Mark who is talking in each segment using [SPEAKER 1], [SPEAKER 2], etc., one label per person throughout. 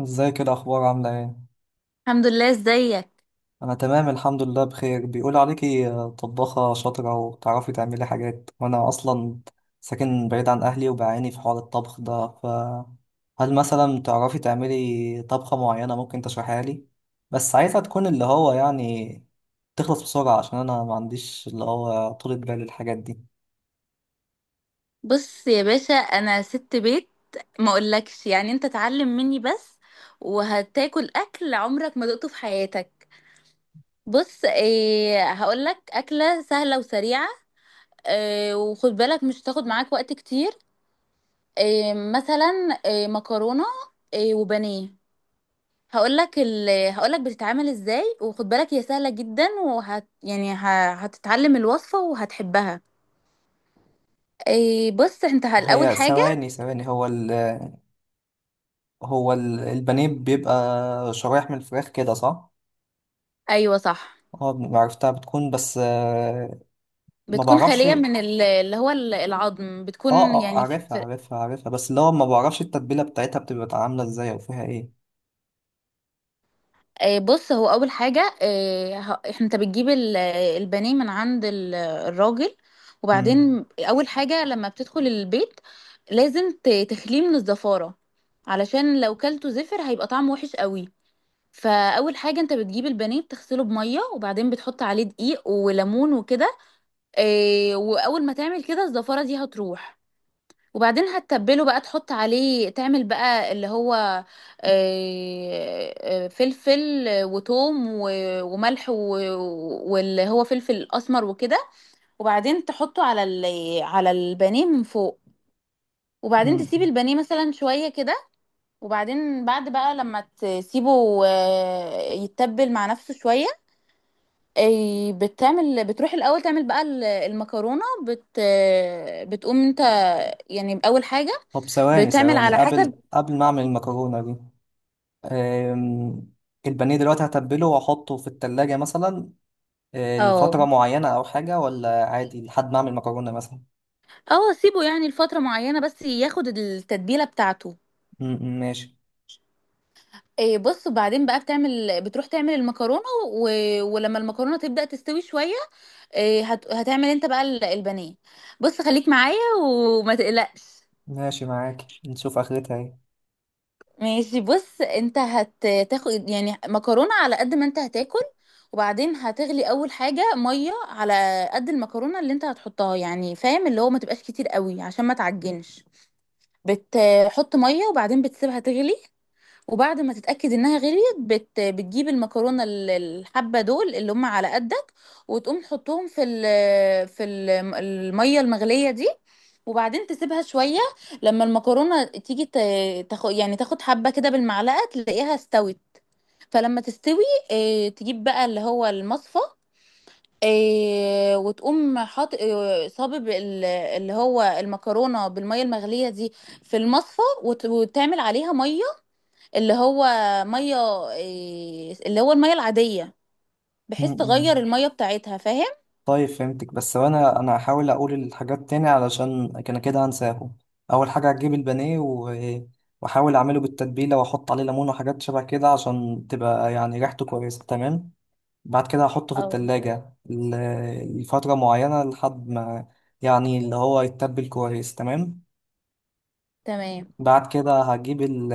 [SPEAKER 1] ازيك؟ إيه الاخبار؟ عامله ايه؟
[SPEAKER 2] الحمد لله. ازيك؟
[SPEAKER 1] انا تمام الحمد لله بخير. بيقول عليكي طباخه شاطره وتعرفي تعملي حاجات، وانا اصلا ساكن بعيد عن اهلي وبعاني في حوار الطبخ ده، فهل مثلا تعرفي تعملي طبخه معينه ممكن تشرحيها لي؟ بس عايزها تكون اللي هو يعني تخلص بسرعه، عشان انا ما عنديش اللي هو طولة بال الحاجات دي.
[SPEAKER 2] بص يا باشا، انا ست بيت. ما اقولكش، يعني انت اتعلم مني بس وهتاكل اكل عمرك ما دقته في حياتك. بص، ايه هقولك اكله سهله وسريعه. ايه، وخد بالك مش هتاخد معاك وقت كتير. ايه مثلا، ايه مكرونه، ايه وبانيه. هقولك بتتعمل ازاي، وخد بالك هي سهله جدا. يعني هتتعلم الوصفه وهتحبها. ايه، بص انت الاول
[SPEAKER 1] هي
[SPEAKER 2] حاجه.
[SPEAKER 1] ثواني ثواني، البانيه بيبقى شرايح من الفراخ كده، صح؟
[SPEAKER 2] ايوه، صح.
[SPEAKER 1] اه، عرفتها، بتكون بس ما
[SPEAKER 2] بتكون
[SPEAKER 1] بعرفش.
[SPEAKER 2] خالية
[SPEAKER 1] اه
[SPEAKER 2] من اللي هو العظم بتكون
[SPEAKER 1] اه،
[SPEAKER 2] يعني
[SPEAKER 1] عارفها عارفها عارفها، بس اللي هو ما بعرفش التتبيلة بتاعتها بتبقى عاملة ازاي او فيها ايه.
[SPEAKER 2] بص، هو أول حاجة. انت بتجيب البانيه من عند الراجل
[SPEAKER 1] مم.
[SPEAKER 2] وبعدين أول حاجة لما بتدخل البيت لازم تخليه من الزفارة، علشان لو كلته زفر هيبقى طعمه وحش قوي. فأول حاجة، انت بتجيب البانيه بتغسله بمية، وبعدين بتحط عليه دقيق وليمون وكده. وأول ما تعمل كده الزفارة دي هتروح. وبعدين هتتبله بقى، تحط عليه تعمل بقى اللي هو فلفل وتوم وملح واللي هو فلفل اسمر وكده. وبعدين تحطه على على البانيه من فوق. وبعدين تسيب
[SPEAKER 1] مم.
[SPEAKER 2] البانيه مثلا شوية كده. وبعدين بعد بقى لما تسيبه يتبل مع نفسه شوية. آه، بتعمل بتروح الأول تعمل بقى المكرونة بت آه، بتقوم انت، يعني أول حاجة،
[SPEAKER 1] طب ثواني
[SPEAKER 2] بتعمل
[SPEAKER 1] ثواني،
[SPEAKER 2] على حسب.
[SPEAKER 1] قبل ما اعمل المكرونة دي، أم... البانيه دلوقتي هتبله واحطه في التلاجة مثلا آه،
[SPEAKER 2] اه،
[SPEAKER 1] لفترة معينة او حاجة، ولا عادي لحد ما اعمل مكرونة مثلا؟
[SPEAKER 2] اه، سيبه يعني لفترة معينة بس ياخد التتبيلة بتاعته.
[SPEAKER 1] مم. مم. ماشي.
[SPEAKER 2] إيه، بص، بعدين بقى بتروح تعمل المكرونة. ولما المكرونة تبدأ تستوي شوية، إيه هتعمل انت بقى البانيه بص، خليك معايا وما تقلقش.
[SPEAKER 1] ماشي معاك، نشوف اخرتها ايه.
[SPEAKER 2] ماشي، بص، انت هتاخد يعني مكرونة على قد ما انت هتاكل. وبعدين هتغلي اول حاجة مية على قد المكرونة اللي انت هتحطها، يعني فاهم، اللي هو ما تبقاش كتير قوي عشان ما تعجنش. بتحط ميه وبعدين بتسيبها تغلي. وبعد ما تتأكد انها غليت، بتجيب المكرونة، الحبة دول اللي هم على قدك، وتقوم تحطهم في المية المغلية دي. وبعدين تسيبها شوية. لما المكرونة تيجي تاخد، يعني تاخد حبة كده بالمعلقة تلاقيها استوت. فلما تستوي، اه... تجيب بقى اللي هو المصفى. إيه، وتقوم حاط، إيه، صابب اللي هو المكرونه بالميه المغليه دي في المصفى، وتعمل عليها ميه، اللي هو ميه، إيه، اللي هو الميه العاديه، بحيث تغير
[SPEAKER 1] مم.
[SPEAKER 2] الميه بتاعتها، فاهم.
[SPEAKER 1] طيب فهمتك، بس وانا هحاول اقول الحاجات تاني علشان كان كده هنساهم. اول حاجه هتجيب البانيه واحاول اعمله بالتتبيله واحط عليه ليمون وحاجات شبه كده عشان تبقى يعني ريحته كويسه، تمام. بعد كده هحطه في
[SPEAKER 2] اه،
[SPEAKER 1] التلاجة لفتره معينه لحد ما يعني اللي هو يتبل كويس، تمام.
[SPEAKER 2] تمام.
[SPEAKER 1] بعد كده هجيب ال،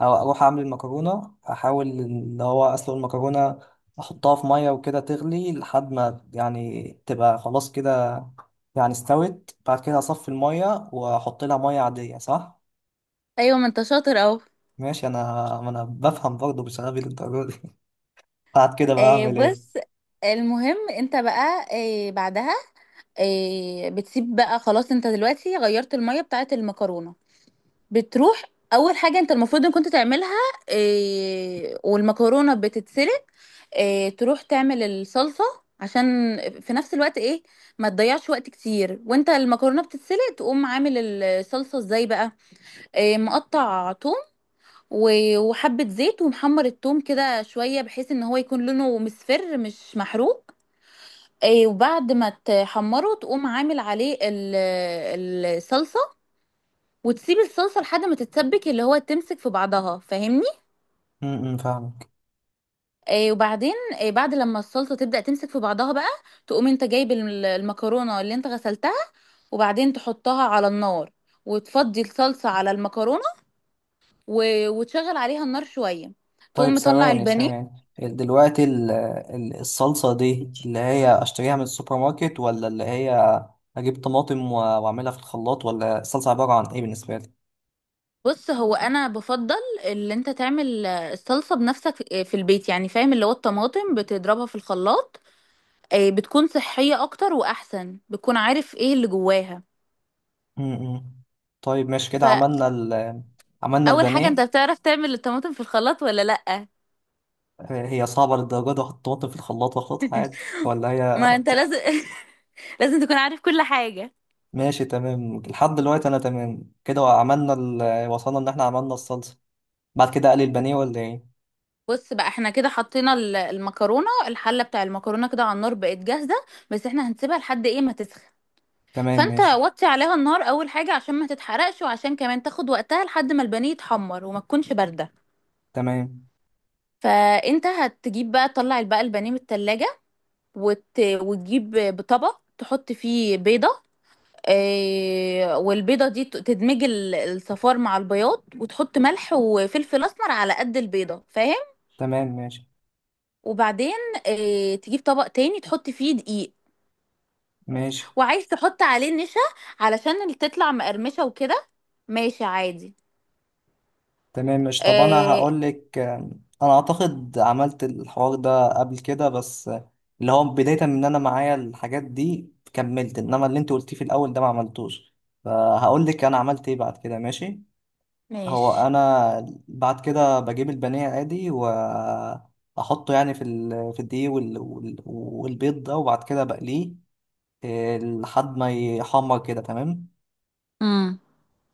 [SPEAKER 1] أو أروح أعمل المكرونة، أحاول إن هو أسلق المكرونة، أحطها في مية وكده تغلي لحد ما يعني تبقى خلاص كده يعني استوت. بعد كده أصفي المية وأحط لها مية عادية، صح؟
[SPEAKER 2] ايوه، ما انت شاطر اهو.
[SPEAKER 1] ماشي، أنا بفهم برضه، بشغال للدرجة دي بعد كده بقى أعمل إيه؟
[SPEAKER 2] بص، المهم انت بقى بعدها بتسيب بقى خلاص. انت دلوقتي غيرت الميه بتاعت المكرونه، بتروح. اول حاجه انت المفروض ان كنت تعملها، إيه، والمكرونه بتتسلق، إيه، تروح تعمل الصلصه، عشان في نفس الوقت، ايه، ما تضيعش وقت كتير وانت المكرونه بتتسلق. تقوم عامل الصلصه ازاي بقى؟ إيه، مقطع توم وحبه زيت، ومحمر التوم كده شويه بحيث ان هو يكون لونه مصفر مش محروق. إيه، وبعد ما تحمره تقوم عامل عليه الصلصه وتسيب الصلصه لحد ما تتسبك، اللي هو تمسك في بعضها، فاهمني.
[SPEAKER 1] م- م، فاهمك.
[SPEAKER 2] وبعدين بعد لما الصلصه تبدا تمسك في بعضها بقى، تقوم انت جايب المكرونه اللي انت غسلتها، وبعدين تحطها على النار، وتفضي الصلصه على المكرونه، وتشغل عليها النار شويه. تقوم
[SPEAKER 1] طيب
[SPEAKER 2] مطلع
[SPEAKER 1] ثواني
[SPEAKER 2] البانيه.
[SPEAKER 1] ثواني، دلوقتي الصلصة دي اللي هي أشتريها من السوبر ماركت، ولا اللي هي أجيب طماطم وأعملها في الخلاط، ولا الصلصة عبارة عن إيه بالنسبة لي؟
[SPEAKER 2] بص، هو انا بفضل اللي انت تعمل الصلصه بنفسك في البيت، يعني فاهم، اللي هو الطماطم بتضربها في الخلاط. بتكون صحيه اكتر واحسن، بتكون عارف ايه اللي جواها.
[SPEAKER 1] م-م. طيب ماشي، كده عملنا ال، عملنا
[SPEAKER 2] اول حاجه، انت
[SPEAKER 1] البانيه.
[SPEAKER 2] بتعرف تعمل الطماطم في الخلاط ولا لا؟
[SPEAKER 1] آه، هي صعبة للدرجة دي أحط الطماطم في الخلاط وأخلطها عادي، ولا هي؟
[SPEAKER 2] ما انت لازم لازم تكون عارف كل حاجه.
[SPEAKER 1] ماشي تمام، لحد دلوقتي أنا تمام. كده عملنا ال... وصلنا إن إحنا عملنا الصلصة. بعد كده أقلي البانيه، ولا إيه؟
[SPEAKER 2] بص بقى، احنا كده حطينا المكرونه الحله بتاع المكرونه كده على النار، بقت جاهزه. بس احنا هنسيبها لحد ايه ما تسخن.
[SPEAKER 1] تمام
[SPEAKER 2] فانت
[SPEAKER 1] ماشي.
[SPEAKER 2] وطي عليها النار اول حاجه، عشان ما تتحرقش، وعشان كمان تاخد وقتها لحد ما البانيه يتحمر وما تكونش بارده.
[SPEAKER 1] تمام.
[SPEAKER 2] فانت هتجيب بقى، تطلع بقى البانيه من التلاجة، وتجيب بطبق تحط فيه بيضه. والبيضة دي تدمج الصفار مع البياض، وتحط ملح وفلفل أسمر على قد البيضة، فاهم.
[SPEAKER 1] تمام ماشي.
[SPEAKER 2] وبعدين تجيب طبق تاني تحط فيه دقيق،
[SPEAKER 1] ماشي
[SPEAKER 2] وعايز تحط عليه نشا علشان اللي تطلع مقرمشة وكده. ماشي، عادي.
[SPEAKER 1] تمام. مش طب انا
[SPEAKER 2] آه،
[SPEAKER 1] هقول لك انا، اعتقد عملت الحوار ده قبل كده، بس اللي هو بداية من ان انا معايا الحاجات دي كملت، انما اللي انت قلتيه في الاول ده ما عملتوش، فهقول لك انا عملت ايه بعد كده، ماشي. هو
[SPEAKER 2] ماشي.
[SPEAKER 1] انا بعد كده بجيب البانيه عادي واحطه يعني في الدقيق والبيض ده وبعد كده بقليه إيه، لحد ما يحمر كده، تمام.
[SPEAKER 2] امم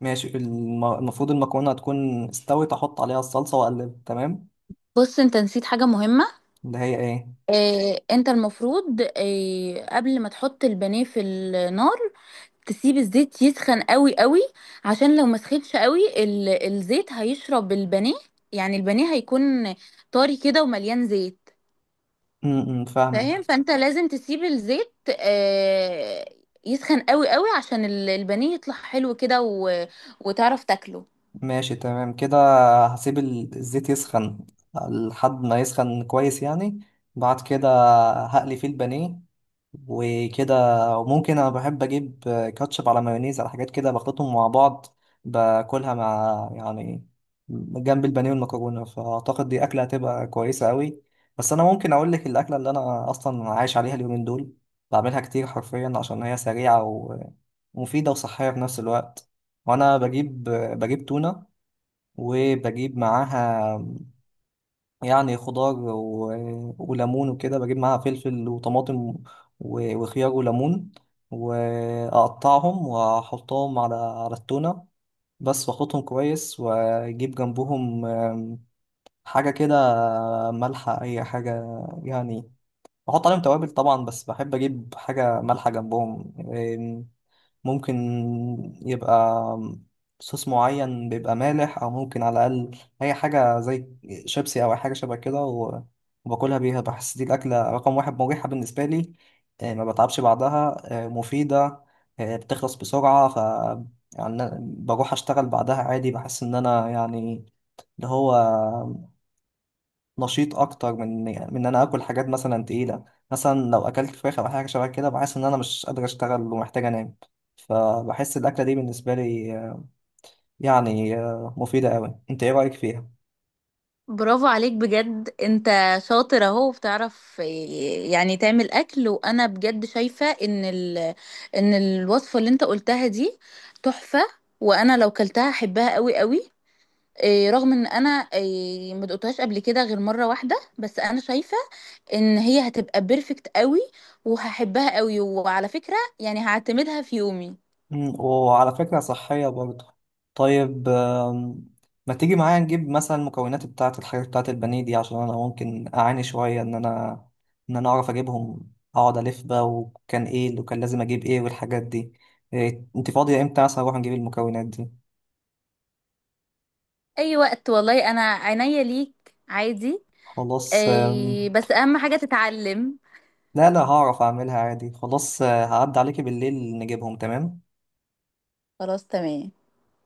[SPEAKER 1] ماشي، المفروض المكرونة تكون استوت، احط عليها الصلصة واقلب، تمام.
[SPEAKER 2] بص، انت نسيت حاجة مهمة.
[SPEAKER 1] ده هي ايه؟
[SPEAKER 2] انت المفروض قبل ما تحط البانيه في النار تسيب الزيت يسخن قوي قوي، عشان لو ما سخنش قوي الزيت هيشرب البانيه. يعني البانيه هيكون طري كده ومليان زيت، فاهم.
[SPEAKER 1] فاهمك.
[SPEAKER 2] فانت لازم تسيب الزيت آه، يسخن قوي قوي عشان البانيه يطلع حلو كده، وتعرف تاكله.
[SPEAKER 1] ماشي تمام كده، هسيب الزيت يسخن لحد ما يسخن كويس يعني، بعد كده هقلي فيه البانيه وكده. وممكن انا بحب اجيب كاتشب على مايونيز على حاجات كده، بخلطهم مع بعض باكلها مع يعني جنب البانيه والمكرونه، فاعتقد دي اكله هتبقى كويسه قوي. بس انا ممكن اقول لك الاكله اللي انا اصلا عايش عليها اليومين دول، بعملها كتير حرفيا عشان هي سريعه ومفيده وصحيه في نفس الوقت. وانا بجيب تونه وبجيب معاها يعني خضار وليمون وكده، بجيب معاها فلفل وطماطم وخيار وليمون، وأقطعهم وأحطهم على التونة بس، وأخلطهم كويس، وأجيب جنبهم حاجة كده مالحة، أي حاجة يعني. بحط عليهم توابل طبعا، بس بحب أجيب حاجة مالحة جنبهم. ممكن يبقى صوص معين بيبقى مالح، او ممكن على الاقل اي حاجه زي شيبسي او اي حاجه شبه كده، وباكلها بيها. بحس دي الاكله رقم واحد مريحه بالنسبه لي آه، ما بتعبش بعدها آه، مفيده آه، بتخلص بسرعه، ف يعني أنا بروح اشتغل بعدها عادي، بحس ان انا يعني اللي هو نشيط اكتر من يعني من ان انا اكل حاجات مثلا تقيله. مثلا لو اكلت فراخ او حاجه شبه كده بحس ان انا مش قادر اشتغل ومحتاج انام. فبحس الاكله دي بالنسبه لي آه، يعني آه، مفيده قوي. انت ايه رايك فيها؟
[SPEAKER 2] برافو عليك بجد. انت شاطر اهو، وبتعرف يعني تعمل اكل، وانا بجد شايفة ان ان الوصفة اللي انت قلتها دي تحفة، وانا لو كلتها احبها قوي قوي. إيه، رغم ان انا، إيه، ما دقتهاش قبل كده غير مره واحده، بس انا شايفه ان هي هتبقى بيرفكت قوي وهحبها قوي. وعلى فكره، يعني هعتمدها في يومي.
[SPEAKER 1] مم، وعلى فكره صحيه برضه. طيب ما تيجي معايا نجيب مثلا المكونات بتاعه الحاجات بتاعه البانيه دي، عشان انا ممكن اعاني شويه ان انا اعرف اجيبهم، اقعد الف بقى وكان ايه اللي كان لازم اجيب ايه والحاجات دي. إيه، انت فاضيه امتى مثلا اروح نجيب المكونات دي؟
[SPEAKER 2] اي وقت، والله انا عينيا ليك، عادي.
[SPEAKER 1] خلاص آم،
[SPEAKER 2] إيه، بس اهم حاجه تتعلم.
[SPEAKER 1] لا لا، هعرف اعملها عادي، خلاص آه، هعدي عليكي بالليل نجيبهم، تمام.
[SPEAKER 2] خلاص، تمام.